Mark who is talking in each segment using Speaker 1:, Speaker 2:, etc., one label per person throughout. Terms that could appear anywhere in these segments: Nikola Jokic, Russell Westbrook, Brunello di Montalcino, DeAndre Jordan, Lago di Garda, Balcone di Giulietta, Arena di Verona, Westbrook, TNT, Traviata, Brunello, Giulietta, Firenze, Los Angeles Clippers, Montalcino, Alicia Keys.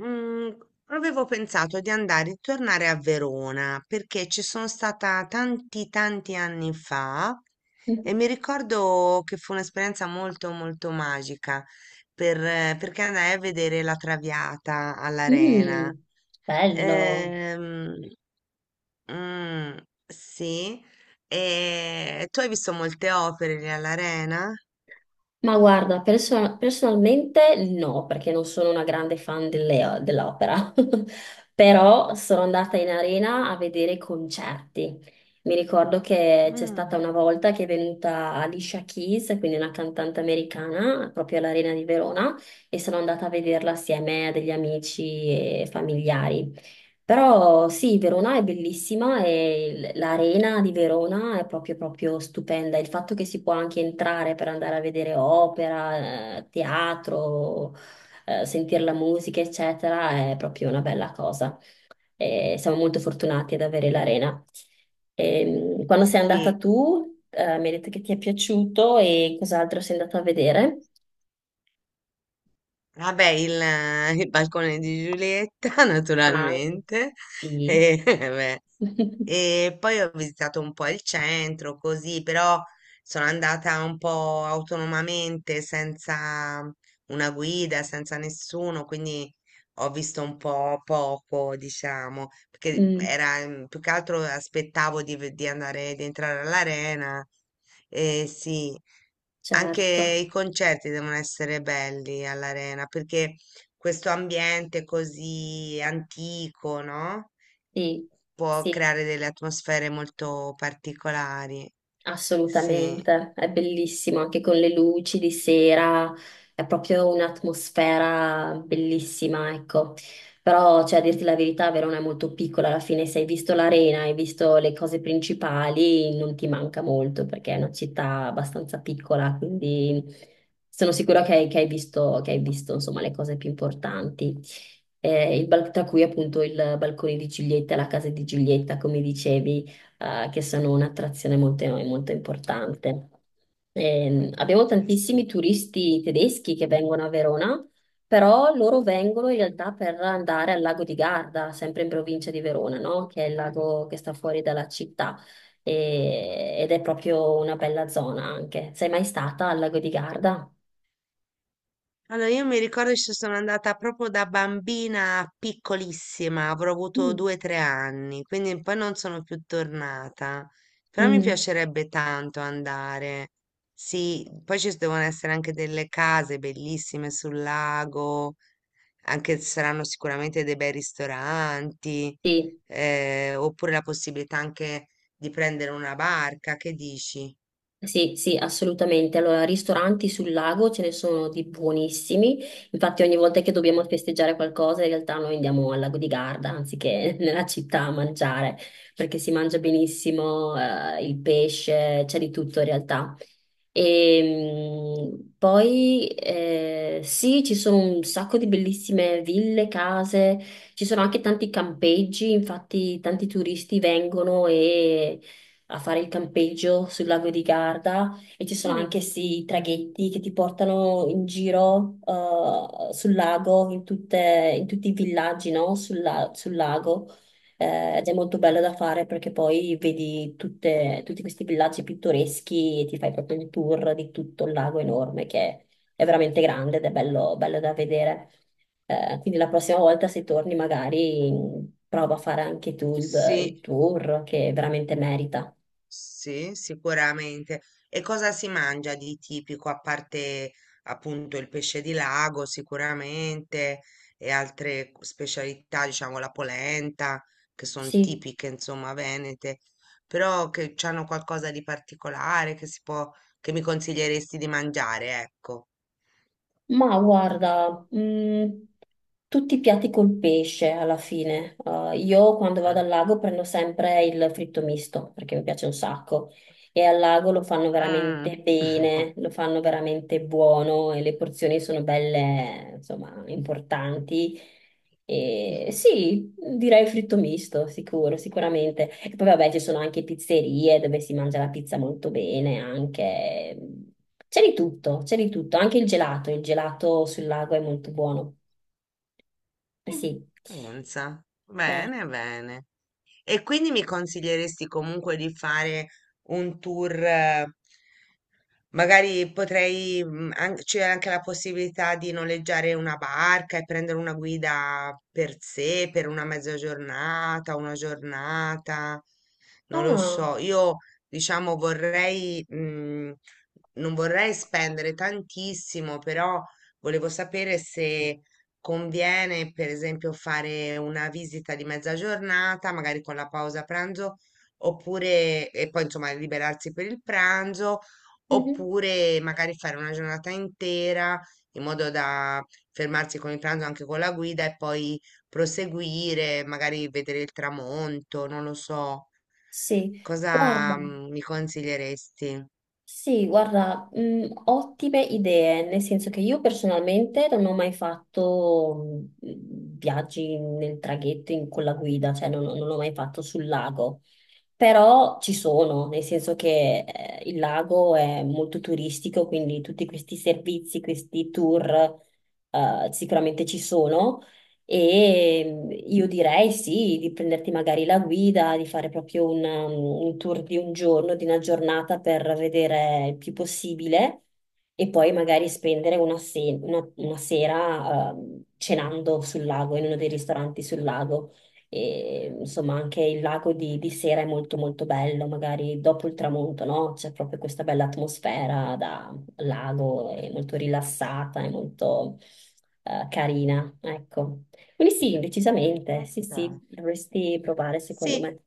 Speaker 1: Mm, avevo pensato di andare e tornare a Verona perché ci sono stata tanti tanti anni fa e mi ricordo che fu un'esperienza molto molto magica perché andai a vedere la Traviata all'Arena.
Speaker 2: Mm, bello.
Speaker 1: Ehm, mm, sì, e tu hai visto molte opere lì all'Arena?
Speaker 2: Ma guarda, personalmente no, perché non sono una grande fan dell'opera, però sono andata in arena a vedere i concerti. Mi ricordo che c'è stata
Speaker 1: Mm,
Speaker 2: una volta che è venuta Alicia Keys, quindi una cantante americana, proprio all'Arena di Verona, e sono andata a vederla assieme a degli amici e familiari. Però sì, Verona è bellissima e l'arena di Verona è proprio, proprio stupenda. Il fatto che si può anche entrare per andare a vedere opera, teatro, sentire la musica, eccetera, è proprio una bella cosa. E siamo molto fortunati ad avere l'arena. Quando sei andata
Speaker 1: sì.
Speaker 2: tu, mi hai detto che ti è piaciuto e cos'altro sei andata a vedere?
Speaker 1: Vabbè, il balcone di Giulietta,
Speaker 2: Ah,
Speaker 1: naturalmente.
Speaker 2: sì.
Speaker 1: E, vabbè. E poi ho visitato un po' il centro, così, però sono andata un po' autonomamente, senza una guida, senza nessuno, quindi ho visto un po' poco, diciamo, perché
Speaker 2: Mm,
Speaker 1: era più che altro aspettavo di andare, di entrare all'arena. E sì. Anche
Speaker 2: certo,
Speaker 1: i concerti devono essere belli all'arena perché questo ambiente così antico, no?
Speaker 2: sì,
Speaker 1: Può
Speaker 2: sì.
Speaker 1: creare delle atmosfere molto particolari. Sì.
Speaker 2: Assolutamente, è bellissimo anche con le luci di sera, è proprio un'atmosfera bellissima, ecco. Però, cioè, a dirti la verità, Verona è molto piccola, alla fine se hai visto l'arena, hai visto le cose principali, non ti manca molto perché è una città abbastanza piccola, quindi sono sicura che hai, che hai visto, insomma, le cose più importanti. Il tra cui appunto
Speaker 1: Mm.
Speaker 2: il Balcone di Giulietta, la casa di Giulietta, come dicevi che sono un'attrazione molto, molto importante. Abbiamo
Speaker 1: Eh,
Speaker 2: tantissimi
Speaker 1: sì.
Speaker 2: turisti tedeschi che vengono a Verona, però loro vengono in realtà per andare al lago di Garda, sempre in provincia di Verona, no? Che è il lago che sta fuori dalla città. Ed è proprio una bella zona anche. Sei mai stata al lago di Garda?
Speaker 1: Allora, io mi ricordo che ci sono andata proprio da bambina piccolissima, avrò avuto
Speaker 2: Mm.
Speaker 1: due o tre anni, quindi poi non sono più tornata. Però mi
Speaker 2: Mm,
Speaker 1: piacerebbe tanto andare. Sì, poi ci devono essere anche delle case bellissime sul lago, anche ci saranno sicuramente dei bei ristoranti,
Speaker 2: sì.
Speaker 1: oppure la possibilità anche di prendere una barca, che dici?
Speaker 2: Sì, sì, assolutamente. Allora, ristoranti sul lago ce ne sono di buonissimi. Infatti, ogni volta che dobbiamo festeggiare qualcosa, in realtà noi andiamo al lago di Garda anziché nella città a mangiare, perché si mangia benissimo, il pesce, c'è di tutto in realtà. E poi sì, ci sono un sacco di bellissime ville, case, ci sono anche tanti campeggi, infatti tanti turisti vengono e a fare il campeggio sul lago di Garda e ci sono anche
Speaker 1: Mm.
Speaker 2: questi traghetti che ti portano in giro sul lago, in tutti i villaggi, no? Sul lago. Ed è molto bello da fare perché poi vedi tutti questi villaggi pittoreschi e ti fai proprio il tour di tutto il lago enorme che è veramente grande ed è bello, bello da vedere. Quindi la prossima volta se torni magari mm, prova a fare anche tu
Speaker 1: Sì.
Speaker 2: il tour che veramente merita.
Speaker 1: Sì, sicuramente. E cosa si mangia di tipico, a parte appunto il pesce di lago, sicuramente, e altre specialità, diciamo la polenta, che sono
Speaker 2: Sì,
Speaker 1: tipiche, insomma, venete, però che hanno qualcosa di particolare che si che mi consiglieresti di mangiare, ecco.
Speaker 2: ma guarda, tutti i piatti col pesce alla fine. Io quando vado
Speaker 1: Mm.
Speaker 2: al lago prendo sempre il fritto misto perché mi piace un sacco e al lago lo fanno
Speaker 1: Mm.
Speaker 2: veramente bene, lo fanno veramente buono e le porzioni sono belle, insomma, importanti. E sì, direi fritto misto, sicuro, sicuramente. E poi vabbè, ci sono anche pizzerie dove si mangia la pizza molto bene, anche. C'è di tutto, anche il gelato sul lago è molto buono. Eh, sì.
Speaker 1: Pensa.
Speaker 2: Eh,
Speaker 1: Bene, bene. E quindi mi consiglieresti comunque di fare un tour, magari potrei, c'è anche la possibilità di noleggiare una barca e prendere una guida per sé, per una mezza giornata, una giornata, non lo
Speaker 2: ah,
Speaker 1: so. Io, diciamo, non vorrei spendere tantissimo, però volevo sapere se conviene, per esempio, fare una visita di mezza giornata, magari con la pausa pranzo, oppure, e poi, insomma, liberarsi per il pranzo,
Speaker 2: mhm.
Speaker 1: oppure magari fare una giornata intera in modo da fermarsi con il pranzo anche con la guida e poi proseguire, magari vedere il tramonto, non lo so.
Speaker 2: Sì, guarda.
Speaker 1: Mi consiglieresti?
Speaker 2: Sì, guarda, ottime idee, nel senso che io personalmente non ho mai fatto viaggi nel traghetto con la guida, cioè non l'ho mai fatto sul lago. Però ci sono, nel senso che il lago è molto turistico, quindi tutti questi servizi, questi tour sicuramente ci sono. E mm, io direi sì, di prenderti magari la guida, di fare proprio un, un tour di un giorno, di una giornata per vedere il più possibile e poi magari spendere una, una sera cenando sul lago, in uno dei ristoranti sul lago. E, insomma, anche il lago di sera è molto molto bello, magari dopo il tramonto, no? C'è proprio questa bella atmosfera da lago, è molto rilassata, è molto carina, ecco. Quindi sì, decisamente, sì,
Speaker 1: Ok.
Speaker 2: sì, dovresti provare secondo
Speaker 1: Sì.
Speaker 2: me.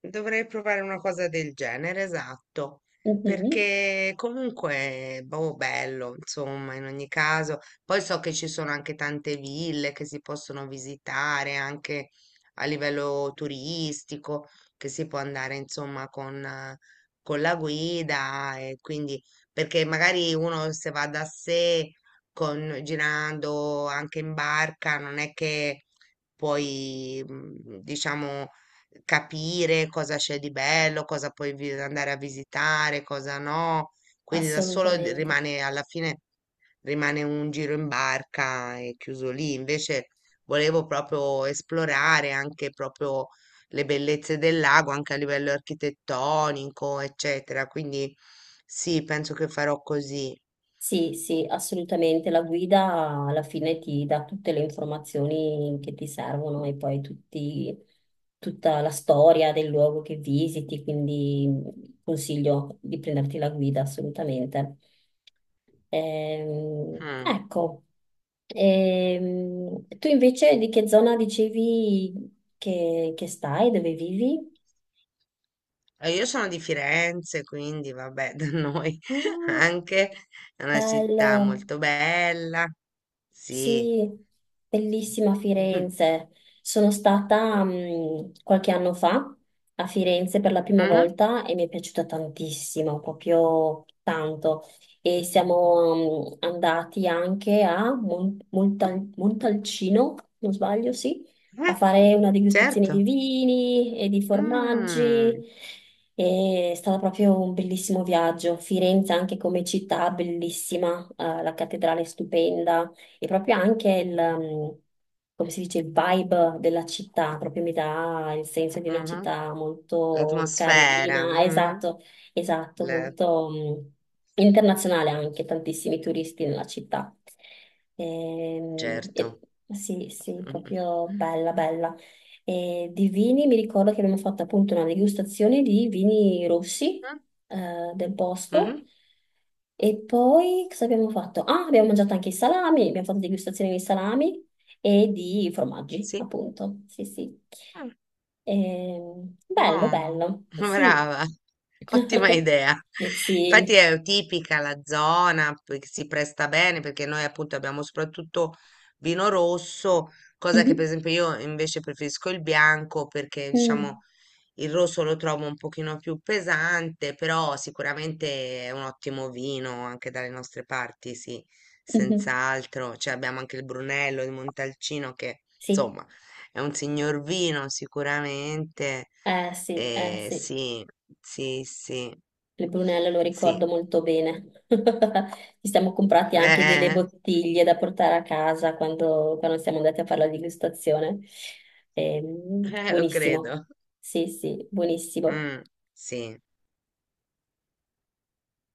Speaker 1: Dovrei provare una cosa del genere, esatto,
Speaker 2: Mhm,
Speaker 1: perché comunque, boh, bello, insomma, in ogni caso. Poi so che ci sono anche tante ville che si possono visitare anche a livello turistico, che si può andare, insomma, con la guida e quindi, perché magari uno se va da sé, con, girando anche in barca, non è che diciamo capire cosa c'è di bello, cosa puoi andare a visitare, cosa no. Quindi da solo
Speaker 2: assolutamente.
Speaker 1: rimane alla fine rimane un giro in barca e chiuso lì. Invece volevo proprio esplorare anche proprio le bellezze del lago, anche a livello architettonico, eccetera. Quindi sì, penso che farò così.
Speaker 2: Sì, sì, assolutamente. La guida alla fine ti dà tutte le informazioni che ti servono e poi tutta la storia del luogo che visiti, quindi consiglio di prenderti la guida assolutamente.
Speaker 1: Mm.
Speaker 2: Ecco. Tu invece di che zona dicevi che stai, dove vivi?
Speaker 1: Io sono di Firenze, quindi vabbè, da noi
Speaker 2: Ah,
Speaker 1: anche è una
Speaker 2: bello.
Speaker 1: città molto bella. Sì.
Speaker 2: Sì, bellissima
Speaker 1: Mhm.
Speaker 2: Firenze. Sono stata mm, qualche anno fa a Firenze per la prima
Speaker 1: Mhm.
Speaker 2: volta e mi è piaciuta tantissimo, proprio tanto. E siamo mm, andati anche a Montalcino, non sbaglio, sì, a
Speaker 1: Eh,
Speaker 2: fare una degustazione di
Speaker 1: certo.
Speaker 2: vini e di formaggi.
Speaker 1: Mm.
Speaker 2: È stato proprio un bellissimo viaggio. Firenze anche come città, bellissima, la cattedrale è stupenda e proprio anche come si dice, il vibe della città, proprio mi dà il senso di una
Speaker 1: Mhm.
Speaker 2: città molto
Speaker 1: L'atmosfera.
Speaker 2: carina,
Speaker 1: Mhm.
Speaker 2: esatto, esatto,
Speaker 1: Le-
Speaker 2: molto internazionale anche, tantissimi turisti nella città. Ehm, e-
Speaker 1: certo.
Speaker 2: sì, sì,
Speaker 1: Mhm.
Speaker 2: proprio bella, bella. E di vini mi ricordo che abbiamo fatto appunto una degustazione di vini rossi del posto.
Speaker 1: Mhm.
Speaker 2: E poi cosa abbiamo fatto? Ah, abbiamo mangiato anche i salami, abbiamo fatto degustazione di salami e di formaggi,
Speaker 1: Sì.
Speaker 2: appunto. Sì, sì. Bello,
Speaker 1: Buono,
Speaker 2: bello. Sì.
Speaker 1: brava, ottima idea. Infatti
Speaker 2: Sì.
Speaker 1: è tipica la zona, poi che si presta bene perché noi appunto abbiamo soprattutto vino rosso, cosa che per
Speaker 2: Mhm.
Speaker 1: esempio io invece preferisco il bianco perché
Speaker 2: Mm.
Speaker 1: diciamo il rosso lo trovo un pochino più pesante, però sicuramente è un ottimo vino anche dalle nostre parti, sì,
Speaker 2: Mhm.
Speaker 1: senz'altro. Cioè abbiamo anche il Brunello di Montalcino che,
Speaker 2: Sì,
Speaker 1: insomma, è un signor vino sicuramente.
Speaker 2: eh sì, eh sì.
Speaker 1: Sì, sì, sì,
Speaker 2: Le Brunello lo
Speaker 1: sì,
Speaker 2: ricordo molto bene. Ci siamo comprati anche delle
Speaker 1: eh,
Speaker 2: bottiglie da portare a casa quando siamo andati a fare la degustazione.
Speaker 1: lo
Speaker 2: Buonissimo.
Speaker 1: credo.
Speaker 2: Sì, sì, buonissimo.
Speaker 1: Mm, sì.